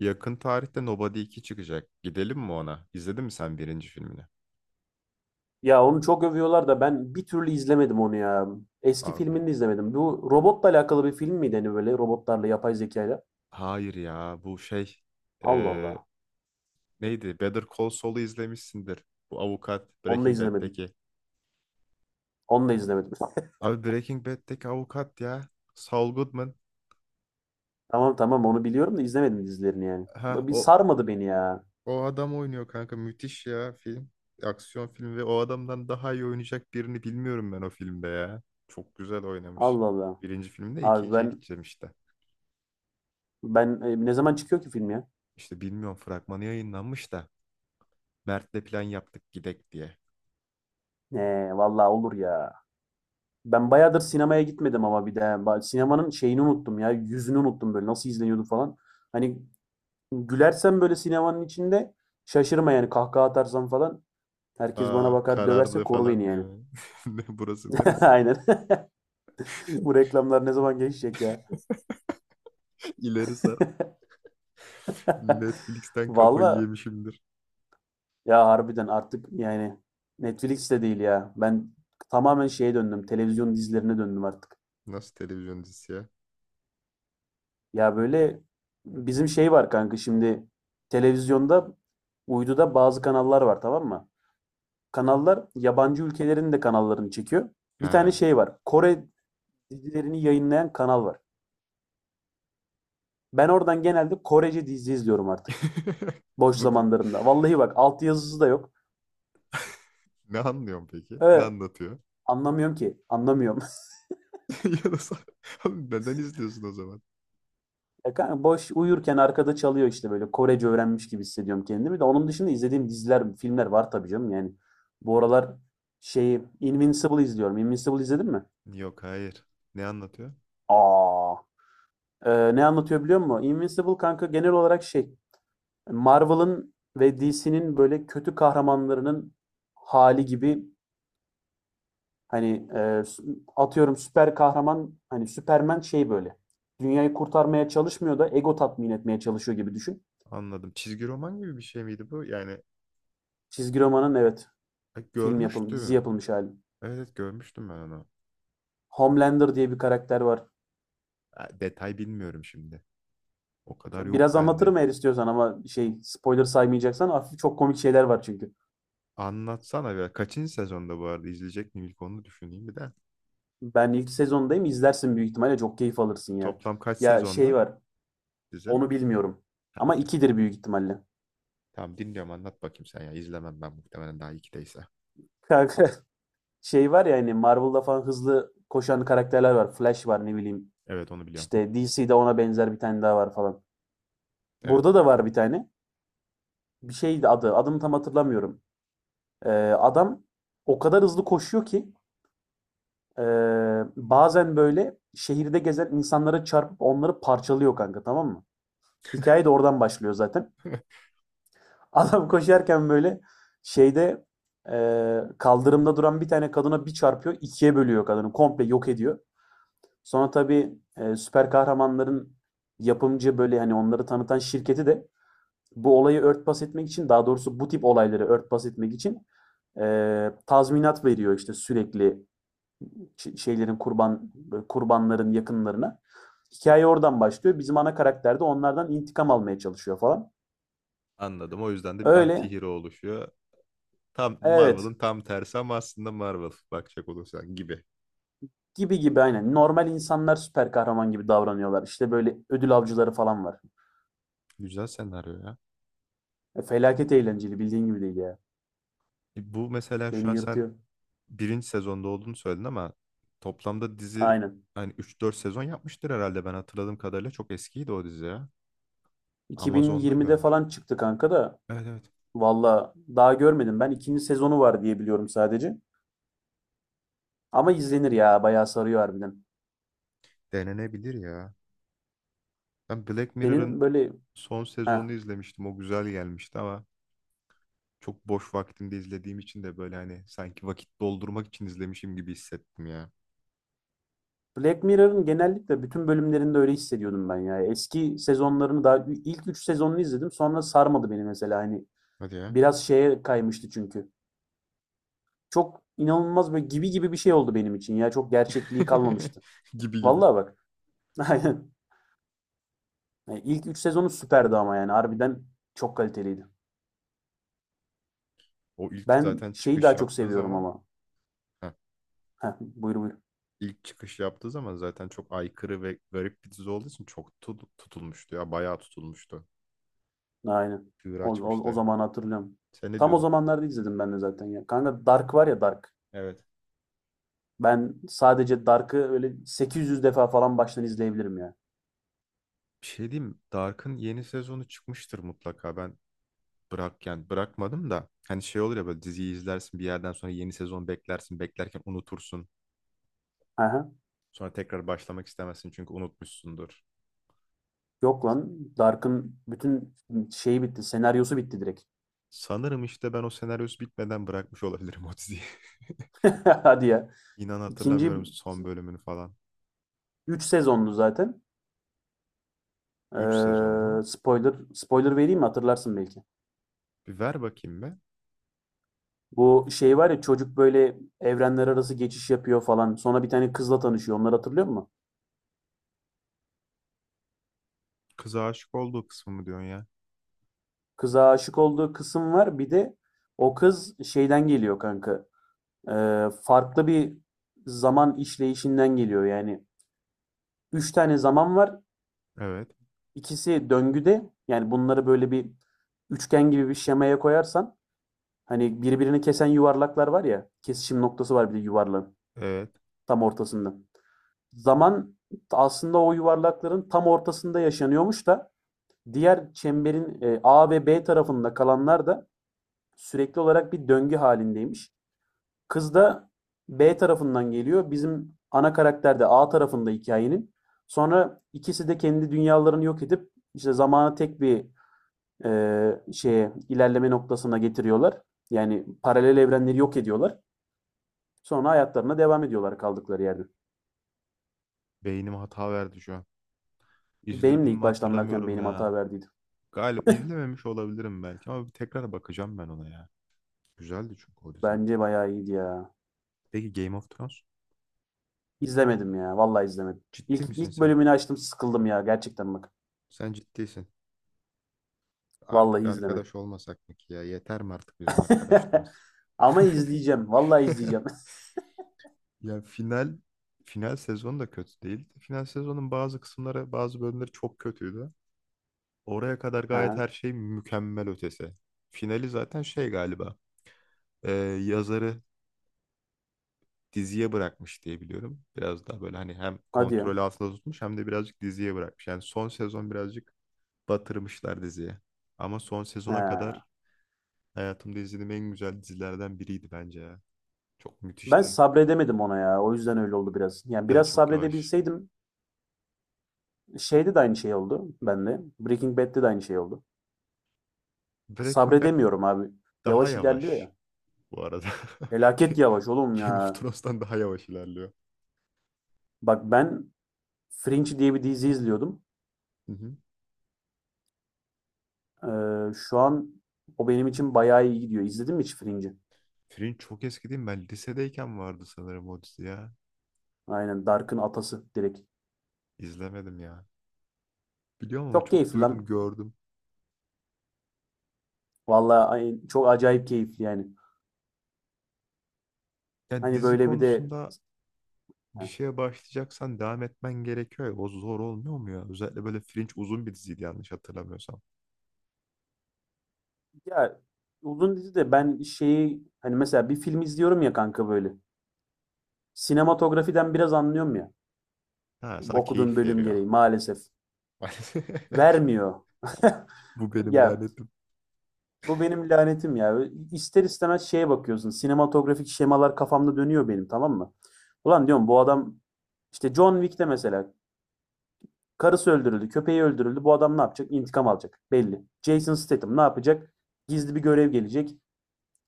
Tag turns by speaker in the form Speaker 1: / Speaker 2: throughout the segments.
Speaker 1: Yakın tarihte Nobody 2 çıkacak. Gidelim mi ona? İzledin mi sen birinci filmini?
Speaker 2: Ya onu çok övüyorlar da ben bir türlü izlemedim onu ya. Eski
Speaker 1: Abi
Speaker 2: filmini de izlemedim. Bu robotla alakalı bir film miydi hani böyle robotlarla yapay zekayla?
Speaker 1: hayır ya bu şey,
Speaker 2: Allah
Speaker 1: eee,
Speaker 2: Allah.
Speaker 1: neydi? Better Call Saul'u izlemişsindir. Bu avukat
Speaker 2: Onu da
Speaker 1: Breaking
Speaker 2: izlemedim.
Speaker 1: Bad'deki.
Speaker 2: Onu da izlemedim.
Speaker 1: Abi Breaking Bad'deki avukat ya. Saul Goodman.
Speaker 2: Tamam tamam, onu biliyorum da izlemedim dizilerini yani.
Speaker 1: Ha,
Speaker 2: Bir
Speaker 1: o
Speaker 2: sarmadı beni ya.
Speaker 1: o adam oynuyor kanka, müthiş ya film. Aksiyon filmi ve o adamdan daha iyi oynayacak birini bilmiyorum ben o filmde ya. Çok güzel oynamış.
Speaker 2: Allah Allah.
Speaker 1: Birinci filmde,
Speaker 2: Abi
Speaker 1: ikinciye
Speaker 2: ben
Speaker 1: gideceğim işte.
Speaker 2: ben ne zaman çıkıyor ki film ya?
Speaker 1: İşte bilmiyorum, fragmanı yayınlanmış da. Mert'le plan yaptık gidek diye.
Speaker 2: Ne vallahi olur ya. Ben bayağıdır sinemaya gitmedim ama bir de sinemanın şeyini unuttum ya. Yüzünü unuttum, böyle nasıl izleniyordu falan. Hani gülersen böyle sinemanın içinde şaşırma yani, kahkaha atarsam falan herkes bana
Speaker 1: Aa,
Speaker 2: bakar, döverse
Speaker 1: karardı
Speaker 2: koru beni
Speaker 1: falan diye.
Speaker 2: yani.
Speaker 1: Ne, burası neresi?
Speaker 2: Aynen. Bu reklamlar ne zaman geçecek ya?
Speaker 1: İleri sar. Netflix'ten kafayı
Speaker 2: Valla
Speaker 1: yemişimdir.
Speaker 2: ya, harbiden artık yani Netflix de değil ya. Ben tamamen şeye döndüm. Televizyon dizilerine döndüm artık.
Speaker 1: Nasıl televizyon dizisi ya?
Speaker 2: Ya böyle bizim şey var kanka, şimdi televizyonda, uyduda bazı kanallar var, tamam mı? Kanallar yabancı ülkelerin de kanallarını çekiyor. Bir tane
Speaker 1: Ha.
Speaker 2: şey var. Kore dizilerini yayınlayan kanal var. Ben oradan genelde Korece dizi izliyorum artık. Boş
Speaker 1: Bunu
Speaker 2: zamanlarımda. Vallahi bak, altyazısı da yok.
Speaker 1: ne anlıyorum peki? Ne
Speaker 2: Ee,
Speaker 1: anlatıyor?
Speaker 2: Anlamıyorum ki. Anlamıyorum.
Speaker 1: Ya da sen- Oğlum neden izliyorsun o zaman?
Speaker 2: Ya kanka boş uyurken arkada çalıyor işte, böyle Korece öğrenmiş gibi hissediyorum kendimi de. Onun dışında izlediğim diziler, filmler var tabii canım yani. Bu aralar şeyi Invincible izliyorum. Invincible izledin mi?
Speaker 1: Yok, hayır. Ne anlatıyor?
Speaker 2: Aa, ne anlatıyor biliyor musun? Invincible kanka, genel olarak şey, Marvel'ın ve DC'nin böyle kötü kahramanlarının hali gibi. Hani atıyorum, süper kahraman hani Superman şey böyle. Dünyayı kurtarmaya çalışmıyor da ego tatmin etmeye çalışıyor gibi düşün.
Speaker 1: Anladım. Çizgi roman gibi bir şey miydi bu? Yani
Speaker 2: Çizgi romanın, evet, film yapılmış, dizi
Speaker 1: görmüştüm.
Speaker 2: yapılmış hali.
Speaker 1: Evet, evet, görmüştüm ben onu.
Speaker 2: Homelander diye bir karakter var.
Speaker 1: Ha, detay bilmiyorum şimdi. O kadar yok
Speaker 2: Biraz anlatırım
Speaker 1: bende.
Speaker 2: eğer istiyorsan, ama şey, spoiler saymayacaksan hafif, çok komik şeyler var çünkü.
Speaker 1: Anlatsana biraz. Kaçıncı sezonda bu arada, izleyecek miyim ilk onu düşüneyim bir de.
Speaker 2: Ben ilk sezondayım, izlersin büyük ihtimalle çok keyif alırsın ya.
Speaker 1: Toplam kaç
Speaker 2: Ya şey
Speaker 1: sezonda
Speaker 2: var,
Speaker 1: bize?
Speaker 2: onu bilmiyorum,
Speaker 1: Ha,
Speaker 2: ama
Speaker 1: okey.
Speaker 2: ikidir büyük ihtimalle.
Speaker 1: Tamam, dinliyorum, anlat bakayım sen ya. İzlemem ben muhtemelen daha ikideyse.
Speaker 2: Kanka şey var ya, hani Marvel'da falan hızlı koşan karakterler var. Flash var, ne bileyim.
Speaker 1: Evet, onu biliyorum.
Speaker 2: İşte DC'de ona benzer bir tane daha var falan.
Speaker 1: Evet.
Speaker 2: Burada da var bir tane. Bir şeydi adı. Adını tam hatırlamıyorum. Ee, adam o kadar hızlı koşuyor ki, ee, bazen böyle şehirde gezen insanlara çarpıp onları parçalıyor kanka, tamam mı? Hikaye de oradan başlıyor zaten. Adam koşarken böyle şeyde, kaldırımda duran bir tane kadına bir çarpıyor, ikiye bölüyor kadını. Komple yok ediyor. Sonra tabii süper kahramanların yapımcı, böyle hani onları tanıtan şirketi de bu olayı örtbas etmek için, daha doğrusu bu tip olayları örtbas etmek için tazminat veriyor işte, sürekli şeylerin kurbanların yakınlarına. Hikaye oradan başlıyor. Bizim ana karakter de onlardan intikam almaya çalışıyor falan.
Speaker 1: Anladım. O yüzden de bir
Speaker 2: Öyle,
Speaker 1: anti-hero oluşuyor. Tam
Speaker 2: evet,
Speaker 1: Marvel'ın tam tersi ama aslında Marvel bakacak olursan gibi.
Speaker 2: gibi gibi aynen. Normal insanlar süper kahraman gibi davranıyorlar. İşte böyle ödül avcıları falan var.
Speaker 1: Güzel senaryo ya.
Speaker 2: Felaket eğlenceli, bildiğin gibi değil ya.
Speaker 1: E, bu mesela şu
Speaker 2: Beni
Speaker 1: an sen
Speaker 2: yırtıyor.
Speaker 1: birinci sezonda olduğunu söyledin ama toplamda dizi
Speaker 2: Aynen.
Speaker 1: hani üç dört sezon yapmıştır herhalde, ben hatırladığım kadarıyla çok eskiydi o dizi ya. Amazon'da
Speaker 2: 2020'de
Speaker 1: görmüştüm.
Speaker 2: falan çıktı kanka da,
Speaker 1: Evet, evet.
Speaker 2: Valla daha görmedim ben. İkinci sezonu var diye biliyorum sadece. Ama izlenir ya, bayağı sarıyor harbiden.
Speaker 1: Denenebilir ya. Ben Black Mirror'ın
Speaker 2: Senin böyle
Speaker 1: son sezonunu
Speaker 2: ha,
Speaker 1: izlemiştim. O güzel gelmişti ama çok boş vaktimde izlediğim için de böyle hani sanki vakit doldurmak için izlemişim gibi hissettim ya.
Speaker 2: Black Mirror'ın genellikle bütün bölümlerinde öyle hissediyordum ben ya. Eski sezonlarını, daha ilk üç sezonunu izledim, sonra sarmadı beni mesela, hani
Speaker 1: Hadi ya.
Speaker 2: biraz şeye kaymıştı çünkü. Çok inanılmaz böyle gibi gibi bir şey oldu benim için ya, çok gerçekliği kalmamıştı.
Speaker 1: Gibi gibi.
Speaker 2: Vallahi bak, aynen. Yani İlk üç sezonu süperdi ama, yani harbiden çok kaliteliydi.
Speaker 1: O ilk
Speaker 2: Ben
Speaker 1: zaten
Speaker 2: şeyi
Speaker 1: çıkış
Speaker 2: daha çok
Speaker 1: yaptığı
Speaker 2: seviyorum
Speaker 1: zaman,
Speaker 2: ama.
Speaker 1: heh,
Speaker 2: Heh, buyur buyur.
Speaker 1: ilk çıkış yaptığı zaman zaten çok aykırı ve garip bir dizi olduğu için çok tutulmuştu ya. Bayağı tutulmuştu.
Speaker 2: Aynen.
Speaker 1: Çığır
Speaker 2: O
Speaker 1: açmıştı.
Speaker 2: zamanı hatırlıyorum.
Speaker 1: Sen ne
Speaker 2: Tam o
Speaker 1: diyordun?
Speaker 2: zamanlarda izledim ben de zaten ya. Kanka Dark var ya, Dark.
Speaker 1: Evet.
Speaker 2: Ben sadece Dark'ı öyle 800 defa falan baştan izleyebilirim ya.
Speaker 1: Bir şey diyeyim mi? Dark'ın yeni sezonu çıkmıştır mutlaka. Ben bırak yani, bırakmadım da hani şey olur ya, böyle diziyi izlersin bir yerden sonra yeni sezon beklersin, beklerken unutursun.
Speaker 2: Aha.
Speaker 1: Sonra tekrar başlamak istemezsin çünkü unutmuşsundur.
Speaker 2: Yok lan. Dark'ın bütün şeyi bitti. Senaryosu bitti direkt.
Speaker 1: Sanırım işte ben o senaryosu bitmeden bırakmış olabilirim o diziyi.
Speaker 2: Hadi ya.
Speaker 1: İnan
Speaker 2: İkinci,
Speaker 1: hatırlamıyorum son bölümünü falan.
Speaker 2: 3 sezonlu zaten.
Speaker 1: 3 sezon mu?
Speaker 2: Spoiler vereyim mi? Hatırlarsın belki.
Speaker 1: Bir ver bakayım be.
Speaker 2: Bu şey var ya, çocuk böyle evrenler arası geçiş yapıyor falan. Sonra bir tane kızla tanışıyor. Onları hatırlıyor musun?
Speaker 1: Kıza aşık olduğu kısmı mı diyorsun ya?
Speaker 2: Kıza aşık olduğu kısım var. Bir de o kız şeyden geliyor kanka. Farklı bir zaman işleyişinden geliyor. Yani üç tane zaman var.
Speaker 1: Evet.
Speaker 2: İkisi döngüde. Yani bunları böyle bir üçgen gibi bir şemaya koyarsan, hani birbirini kesen yuvarlaklar var ya. Kesişim noktası var, bir de yuvarlağın
Speaker 1: Evet.
Speaker 2: tam ortasında. Zaman aslında o yuvarlakların tam ortasında yaşanıyormuş da, diğer çemberin A ve B tarafında kalanlar da sürekli olarak bir döngü halindeymiş. Kız da B tarafından geliyor. Bizim ana karakter de A tarafında hikayenin. Sonra ikisi de kendi dünyalarını yok edip işte zamanı tek bir şeye, ilerleme noktasına getiriyorlar. Yani paralel evrenleri yok ediyorlar. Sonra hayatlarına devam ediyorlar kaldıkları yerde.
Speaker 1: Beynim hata verdi şu an.
Speaker 2: Benim
Speaker 1: İzledim
Speaker 2: de
Speaker 1: mi
Speaker 2: ilk başlanırken
Speaker 1: hatırlamıyorum
Speaker 2: benim hata
Speaker 1: ya.
Speaker 2: verdiydi.
Speaker 1: Galiba izlememiş olabilirim belki, ama bir tekrar bakacağım ben ona ya. Güzeldi çünkü o dizi.
Speaker 2: Bence bayağı iyiydi ya.
Speaker 1: Peki Game of Thrones?
Speaker 2: İzlemedim ya. Vallahi izlemedim.
Speaker 1: Ciddi
Speaker 2: İlk,
Speaker 1: misin
Speaker 2: ilk
Speaker 1: sen?
Speaker 2: bölümünü açtım, sıkıldım ya gerçekten bak.
Speaker 1: Sen ciddisin. Artık
Speaker 2: Vallahi izlemedim.
Speaker 1: arkadaş olmasak mı ki ya? Yeter mi artık bizim arkadaşlığımız?
Speaker 2: Ama izleyeceğim. Vallahi izleyeceğim.
Speaker 1: Ya, final sezonu da kötü değildi. Final sezonun bazı kısımları, bazı bölümleri çok kötüydü. Oraya kadar gayet
Speaker 2: Ha.
Speaker 1: her şey mükemmel ötesi. Finali zaten şey galiba, e, yazarı diziye bırakmış diye biliyorum. Biraz daha böyle hani hem
Speaker 2: Hadi ya.
Speaker 1: kontrol altında tutmuş hem de birazcık diziye bırakmış. Yani son sezon birazcık batırmışlar diziye. Ama son
Speaker 2: He.
Speaker 1: sezona kadar hayatımda izlediğim en güzel dizilerden biriydi bence ya. Çok
Speaker 2: Ben
Speaker 1: müthişti.
Speaker 2: sabredemedim ona ya. O yüzden öyle oldu biraz. Yani
Speaker 1: Evet,
Speaker 2: biraz
Speaker 1: çok yavaş.
Speaker 2: sabredebilseydim, şeyde de aynı şey oldu bende. Breaking Bad'de de aynı şey oldu.
Speaker 1: Breaking Bad
Speaker 2: Sabredemiyorum abi.
Speaker 1: daha
Speaker 2: Yavaş ilerliyor
Speaker 1: yavaş
Speaker 2: ya.
Speaker 1: bu arada.
Speaker 2: Felaket
Speaker 1: Ga-
Speaker 2: yavaş oğlum
Speaker 1: Game of
Speaker 2: ya.
Speaker 1: Thrones'tan daha yavaş ilerliyor.
Speaker 2: Bak ben Fringe diye bir dizi izliyordum.
Speaker 1: Hı hı.
Speaker 2: Şu an o benim için bayağı iyi gidiyor. İzledin mi hiç Fringe'i?
Speaker 1: Fringe çok eski değil mi? Ben lisedeyken vardı sanırım o dizi ya.
Speaker 2: Aynen, Dark'ın atası direkt.
Speaker 1: İzlemedim ya. Biliyorum ama
Speaker 2: Çok
Speaker 1: çok
Speaker 2: keyifli
Speaker 1: duydum,
Speaker 2: lan.
Speaker 1: gördüm.
Speaker 2: Vallahi çok acayip keyifli yani.
Speaker 1: Yani
Speaker 2: Hani
Speaker 1: dizi
Speaker 2: böyle bir de
Speaker 1: konusunda bir şeye başlayacaksan devam etmen gerekiyor ya. O zor olmuyor mu ya? Özellikle böyle Fringe uzun bir diziydi yanlış hatırlamıyorsam.
Speaker 2: Ya, uzun dizi de ben şeyi, hani mesela bir film izliyorum ya kanka böyle. Sinematografiden biraz anlıyorum ya.
Speaker 1: Ha, sana
Speaker 2: Okuduğum
Speaker 1: keyif
Speaker 2: bölüm
Speaker 1: veriyor.
Speaker 2: gereği maalesef. Vermiyor.
Speaker 1: Bu benim
Speaker 2: Ya
Speaker 1: lanetli
Speaker 2: bu benim lanetim ya. İster istemez şeye bakıyorsun. Sinematografik şemalar kafamda dönüyor benim, tamam mı? Ulan diyorum, bu adam, işte John Wick'te mesela karısı öldürüldü, köpeği öldürüldü. Bu adam ne yapacak? İntikam alacak. Belli. Jason Statham ne yapacak? Gizli bir görev gelecek.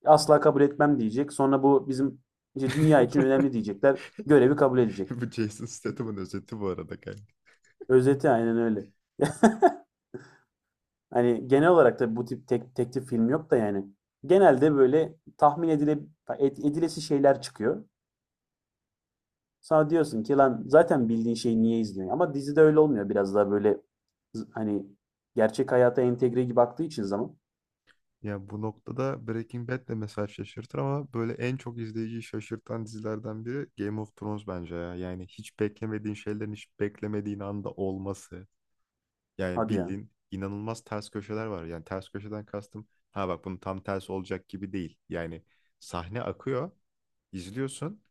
Speaker 2: Asla kabul etmem diyecek. Sonra bu bizim işte dünya için önemli diyecekler. Görevi kabul edecek.
Speaker 1: Bu Jason Statham'ın özeti bu arada kanka.
Speaker 2: Özeti aynen öyle. Hani genel olarak da bu tip teklif film yok da yani. Genelde böyle tahmin edilesi şeyler çıkıyor. Sonra diyorsun ki lan, zaten bildiğin şeyi niye izliyorsun? Ama dizide öyle olmuyor. Biraz daha böyle, hani gerçek hayata entegre gibi baktığı için zaman.
Speaker 1: Ya bu noktada Breaking Bad de mesela şaşırtır ama böyle en çok izleyiciyi şaşırtan dizilerden biri Game of Thrones bence ya. Yani hiç beklemediğin şeylerin hiç beklemediğin anda olması. Yani
Speaker 2: Hadi ya.
Speaker 1: bildiğin inanılmaz ters köşeler var. Yani ters köşeden kastım, ha bak, bunun tam tersi olacak gibi değil. Yani sahne akıyor, izliyorsun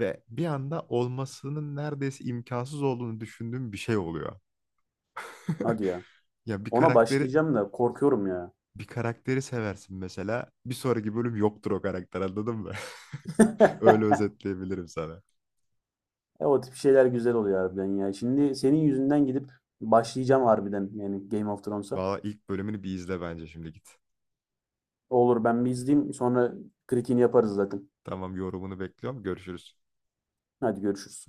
Speaker 1: ve bir anda olmasının neredeyse imkansız olduğunu düşündüğün bir şey oluyor.
Speaker 2: Hadi ya.
Speaker 1: Ya bir
Speaker 2: Ona
Speaker 1: karakteri
Speaker 2: başlayacağım da korkuyorum ya.
Speaker 1: bir karakteri seversin mesela. Bir sonraki bölüm yoktur o karakter, anladın mı? Öyle özetleyebilirim sana.
Speaker 2: O tip şeyler güzel oluyor harbiden ya. Şimdi senin yüzünden gidip başlayacağım harbiden, yani Game of Thrones'a.
Speaker 1: Valla ilk bölümünü bir izle bence, şimdi git.
Speaker 2: Olur, ben bir izleyeyim, sonra kritiğini yaparız zaten.
Speaker 1: Tamam, yorumunu bekliyorum. Görüşürüz.
Speaker 2: Hadi görüşürüz.